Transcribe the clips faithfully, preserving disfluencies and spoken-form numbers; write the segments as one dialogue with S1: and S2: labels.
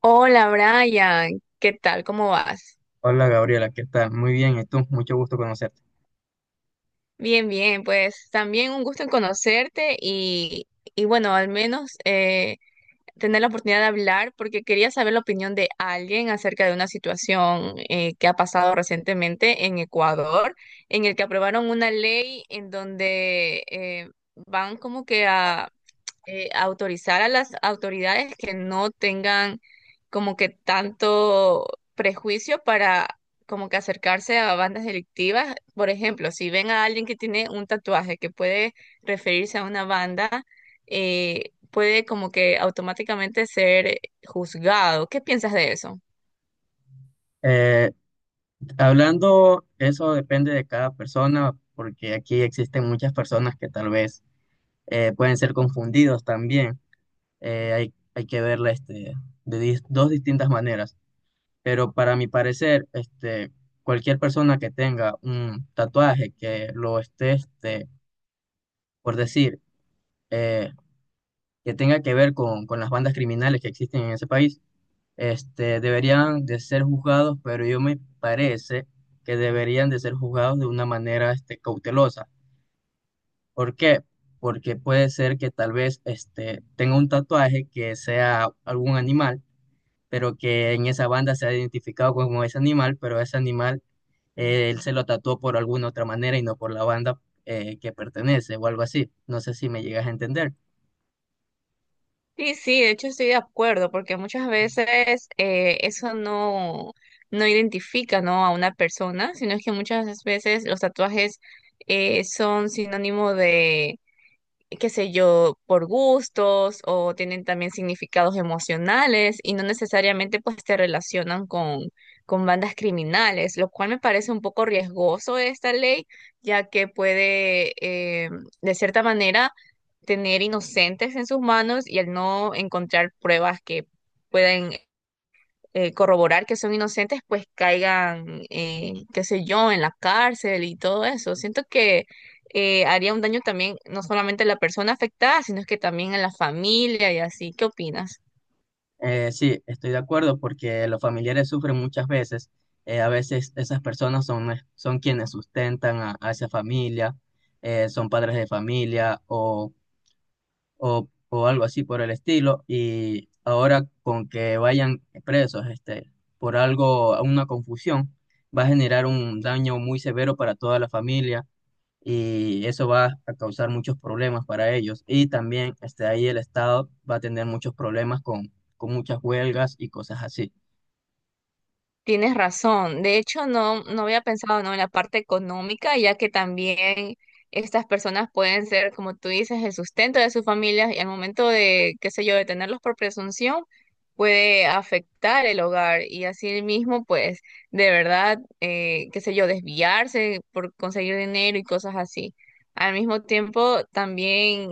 S1: Hola Brian, ¿qué tal? ¿Cómo vas?
S2: Hola Gabriela, ¿qué tal? Muy bien, ¿y tú? Mucho gusto conocerte.
S1: Bien, bien, pues también un gusto en conocerte y, y bueno, al menos eh, tener la oportunidad de hablar porque quería saber la opinión de alguien acerca de una situación eh, que ha pasado recientemente en Ecuador, en el que aprobaron una ley en donde eh, van como que a eh, autorizar a las autoridades que no tengan como que tanto prejuicio para como que acercarse a bandas delictivas. Por ejemplo, si ven a alguien que tiene un tatuaje que puede referirse a una banda, eh, puede como que automáticamente ser juzgado. ¿Qué piensas de eso?
S2: Eh, hablando, Eso depende de cada persona, porque aquí existen muchas personas que tal vez eh, pueden ser confundidos también. Eh, hay, hay que verla este, de dis- dos distintas maneras, pero para mi parecer, este, cualquier persona que tenga un tatuaje que lo esté, este, por decir, eh, que tenga que ver con, con las bandas criminales que existen en ese país, este, deberían de ser juzgados, pero yo me parece que deberían de ser juzgados de una manera, este, cautelosa. ¿Por qué? Porque puede ser que tal vez, este, tenga un tatuaje que sea algún animal, pero que en esa banda se ha identificado como ese animal, pero ese animal, eh, él se lo tatuó por alguna otra manera y no por la banda, eh, que pertenece o algo así. No sé si me llegas a entender.
S1: Sí, sí, de hecho estoy de acuerdo, porque muchas veces eh, eso no, no identifica, ¿no?, a una persona, sino que muchas veces los tatuajes eh, son sinónimo, qué sé yo, por gustos o tienen también significados emocionales y no necesariamente pues te relacionan con, con bandas criminales, lo cual me parece un poco riesgoso esta ley, ya que puede eh, de cierta manera tener inocentes en sus manos y al no encontrar pruebas que puedan eh, corroborar que son inocentes, pues caigan, eh, qué sé yo, en la cárcel y todo eso. Siento que eh, haría un daño también, no solamente a la persona afectada, sino que también a la familia y así. ¿Qué opinas?
S2: Eh, sí, estoy de acuerdo porque los familiares sufren muchas veces. Eh, a veces esas personas son, son quienes sustentan a, a esa familia, eh, son padres de familia o, o, o algo así por el estilo. Y ahora con que vayan presos este, por algo, una confusión, va a generar un daño muy severo para toda la familia y eso va a causar muchos problemas para ellos. Y también este, ahí el Estado va a tener muchos problemas con, con muchas huelgas y cosas así.
S1: Tienes razón. De hecho, no, no había pensado, ¿no?, en la parte económica, ya que también estas personas pueden ser, como tú dices, el sustento de sus familias y al momento de, qué sé yo, de tenerlos por presunción, puede afectar el hogar y así mismo, pues, de verdad, eh, qué sé yo, desviarse por conseguir dinero y cosas así. Al mismo tiempo, también,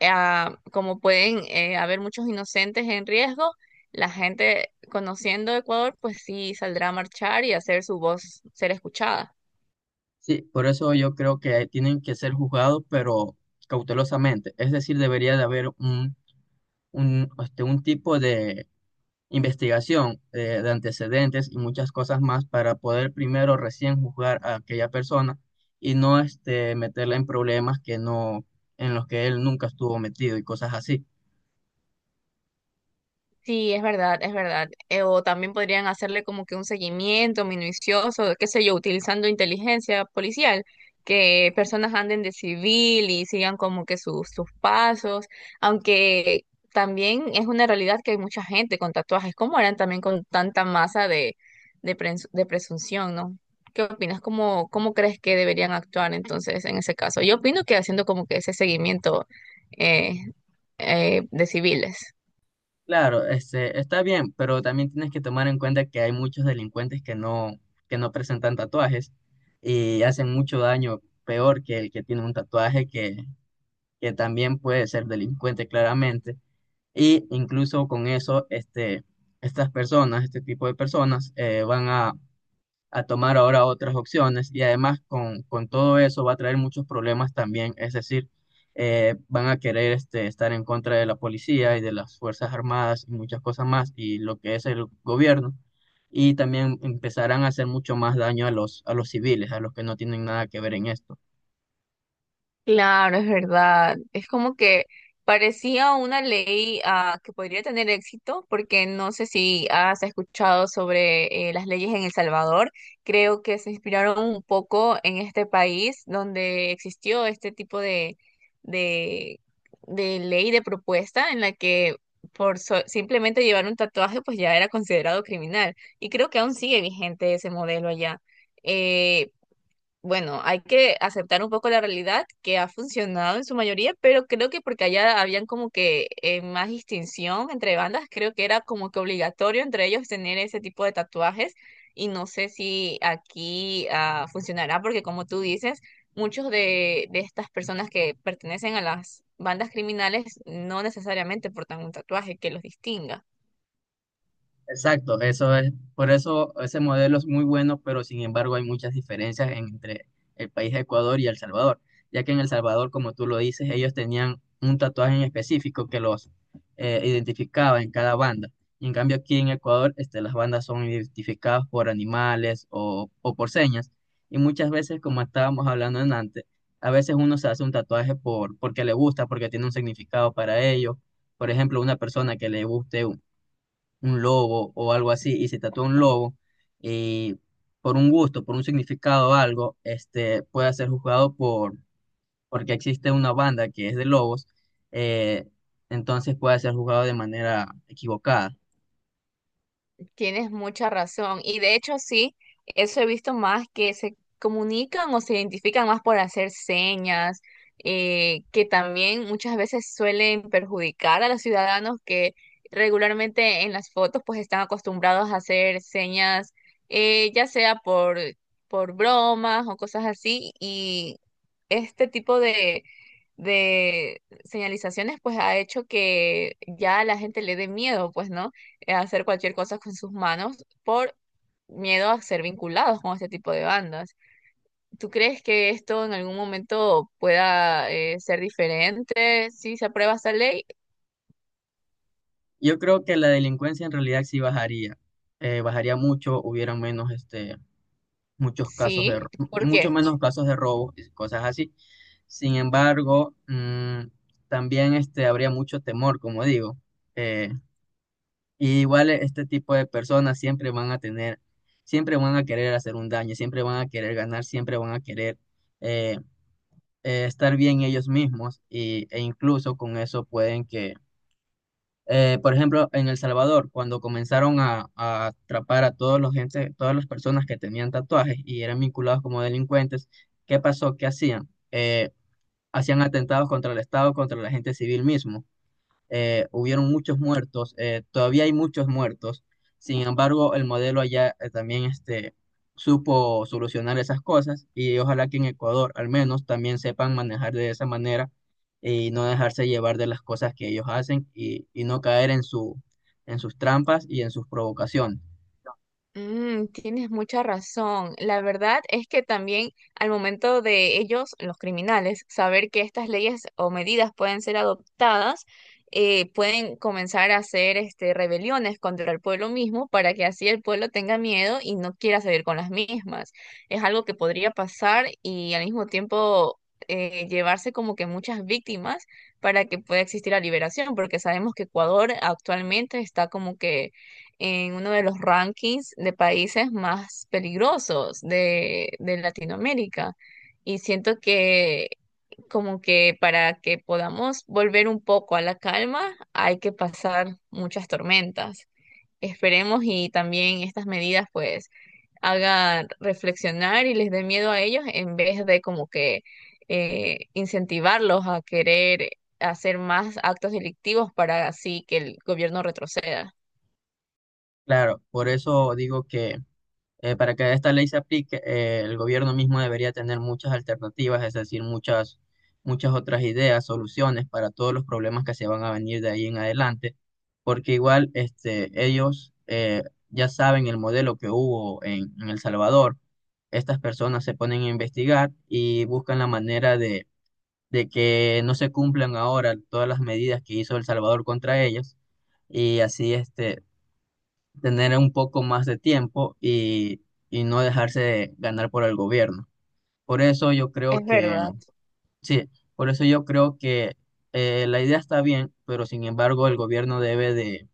S1: ah, como pueden eh, haber muchos inocentes en riesgo, la gente conociendo Ecuador, pues sí saldrá a marchar y hacer su voz ser escuchada.
S2: Sí, por eso yo creo que tienen que ser juzgados, pero cautelosamente. Es decir, debería de haber un, un, este, un tipo de investigación eh, de antecedentes y muchas cosas más para poder primero recién juzgar a aquella persona y no este, meterla en problemas que no, en los que él nunca estuvo metido y cosas así.
S1: Sí, es verdad, es verdad. Eh, o también podrían hacerle como que un seguimiento minucioso, qué sé yo, utilizando inteligencia policial, que personas anden de civil y sigan como que sus, sus pasos, aunque también es una realidad que hay mucha gente con tatuajes, como eran también con tanta masa de, de, prens- de presunción, ¿no? ¿Qué opinas? ¿Cómo, cómo crees que deberían actuar entonces en ese caso? Yo opino que haciendo como que ese seguimiento eh, eh, de civiles.
S2: Claro, este, está bien, pero también tienes que tomar en cuenta que hay muchos delincuentes que no, que no presentan tatuajes y hacen mucho daño, peor que el que tiene un tatuaje que, que también puede ser delincuente claramente. Y incluso con eso, este, estas personas, este tipo de personas, eh, van a a tomar ahora otras opciones y además con, con todo eso va a traer muchos problemas también, es decir, eh, van a querer este, estar en contra de la policía y de las Fuerzas Armadas y muchas cosas más y lo que es el gobierno y también empezarán a hacer mucho más daño a los, a los civiles, a los que no tienen nada que ver en esto.
S1: Claro, es verdad. Es como que parecía una ley ah, que podría tener éxito, porque no sé si has escuchado sobre eh, las leyes en El Salvador. Creo que se inspiraron un poco en este país donde existió este tipo de, de, de ley, de propuesta en la que por so- simplemente llevar un tatuaje pues ya era considerado criminal. Y creo que aún sigue vigente ese modelo allá. Eh, bueno, hay que aceptar un poco la realidad que ha funcionado en su mayoría, pero creo que porque allá habían como que eh, más distinción entre bandas, creo que era como que obligatorio entre ellos tener ese tipo de tatuajes y no sé si aquí ah, funcionará porque como tú dices, muchos de, de estas personas que pertenecen a las bandas criminales no necesariamente portan un tatuaje que los distinga.
S2: Exacto, eso es, por eso ese modelo es muy bueno, pero sin embargo hay muchas diferencias entre el país de Ecuador y El Salvador, ya que en El Salvador, como tú lo dices, ellos tenían un tatuaje en específico que los eh, identificaba en cada banda. Y en cambio aquí en Ecuador, este, las bandas son identificadas por animales o, o por señas. Y muchas veces, como estábamos hablando en antes, a veces uno se hace un tatuaje por, porque le gusta, porque tiene un significado para ellos. Por ejemplo, una persona que le guste un lobo o algo así y se tatúa un lobo y por un gusto, por un significado o algo, este, pueda ser juzgado por, porque existe una banda que es de lobos, eh, entonces puede ser juzgado de manera equivocada.
S1: Tienes mucha razón. Y de hecho, sí, eso he visto más, que se comunican o se identifican más por hacer señas, eh, que también muchas veces suelen perjudicar a los ciudadanos que regularmente en las fotos pues están acostumbrados a hacer señas, eh, ya sea por, por bromas o cosas así. Y este tipo de, de señalizaciones pues ha hecho que ya a la gente le dé miedo, pues, ¿no? eh, hacer cualquier cosa con sus manos por miedo a ser vinculados con este tipo de bandas. ¿Tú crees que esto en algún momento pueda eh, ser diferente si se aprueba esta ley?
S2: Yo creo que la delincuencia en realidad sí bajaría, eh, bajaría mucho, hubiera menos, este, muchos casos de,
S1: Sí,
S2: ro-
S1: ¿por qué?
S2: mucho menos casos de robos y cosas así. Sin embargo, mm, también este, habría mucho temor, como digo. eh, Y igual este tipo de personas siempre van a tener, siempre van a querer hacer un daño, siempre van a querer ganar, siempre van a querer eh, eh, estar bien ellos mismos y, e incluso con eso pueden que, eh, por ejemplo, en El Salvador, cuando comenzaron a, a atrapar a todos los gente, todas las personas que tenían tatuajes y eran vinculados como delincuentes, ¿qué pasó? ¿Qué hacían? Eh, hacían atentados contra el Estado, contra la gente civil mismo, eh, hubieron muchos muertos, eh, todavía hay muchos muertos. Sin embargo, el modelo allá eh, también este, supo solucionar esas cosas y ojalá que en Ecuador al menos también sepan manejar de esa manera y no dejarse llevar de las cosas que ellos hacen y, y no caer en su, en sus trampas y en sus provocaciones.
S1: Mm, tienes mucha razón. La verdad es que también al momento de ellos, los criminales, saber que estas leyes o medidas pueden ser adoptadas, eh, pueden comenzar a hacer este, rebeliones contra el pueblo mismo para que así el pueblo tenga miedo y no quiera salir con las mismas. Es algo que podría pasar y al mismo tiempo eh, llevarse como que muchas víctimas para que pueda existir la liberación, porque sabemos que Ecuador actualmente está como que en uno de los rankings de países más peligrosos de, de Latinoamérica. Y siento que como que para que podamos volver un poco a la calma hay que pasar muchas tormentas. Esperemos y también estas medidas pues hagan reflexionar y les dé miedo a ellos en vez de como que eh, incentivarlos a querer hacer más actos delictivos para así que el gobierno retroceda.
S2: Claro, por eso digo que Eh, para que esta ley se aplique, eh, el gobierno mismo debería tener muchas alternativas, es decir, muchas, muchas otras ideas, soluciones para todos los problemas que se van a venir de ahí en adelante, porque igual este, ellos eh, ya saben el modelo que hubo en, en El Salvador. Estas personas se ponen a investigar y buscan la manera de, de que no se cumplan ahora todas las medidas que hizo El Salvador contra ellas y así este, tener un poco más de tiempo y, y no dejarse ganar por el gobierno. Por eso yo creo
S1: Es
S2: que,
S1: verdad.
S2: sí, por eso yo creo que eh, la idea está bien, pero sin embargo el gobierno debe de,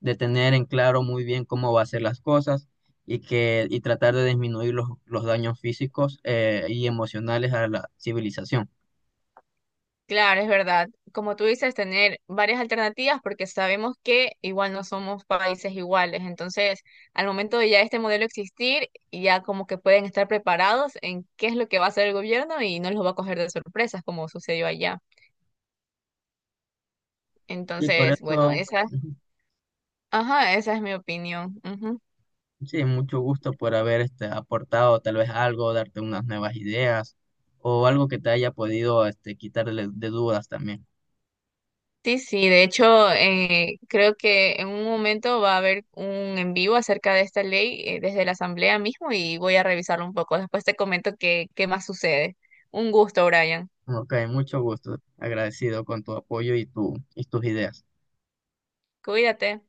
S2: de tener en claro muy bien cómo va a hacer las cosas y, que, y tratar de disminuir los, los daños físicos eh, y emocionales a la civilización.
S1: Claro, es verdad. Como tú dices, tener varias alternativas porque sabemos que igual no somos países iguales. Entonces, al momento de ya este modelo existir, ya como que pueden estar preparados en qué es lo que va a hacer el gobierno y no los va a coger de sorpresas como sucedió allá.
S2: Sí, por
S1: Entonces, bueno,
S2: eso...
S1: esa,
S2: ujú.
S1: ajá, esa es mi opinión. Ujú.
S2: Sí, mucho gusto por haber este, aportado tal vez algo, darte unas nuevas ideas o algo que te haya podido este, quitar de, de dudas también.
S1: Sí, sí, de hecho, eh, creo que en un momento va a haber un en vivo acerca de esta ley eh, desde la Asamblea mismo y voy a revisarlo un poco. Después te comento qué, qué más sucede. Un gusto, Brian.
S2: Ok, mucho gusto. Agradecido con tu apoyo y, tu, y tus ideas.
S1: Cuídate.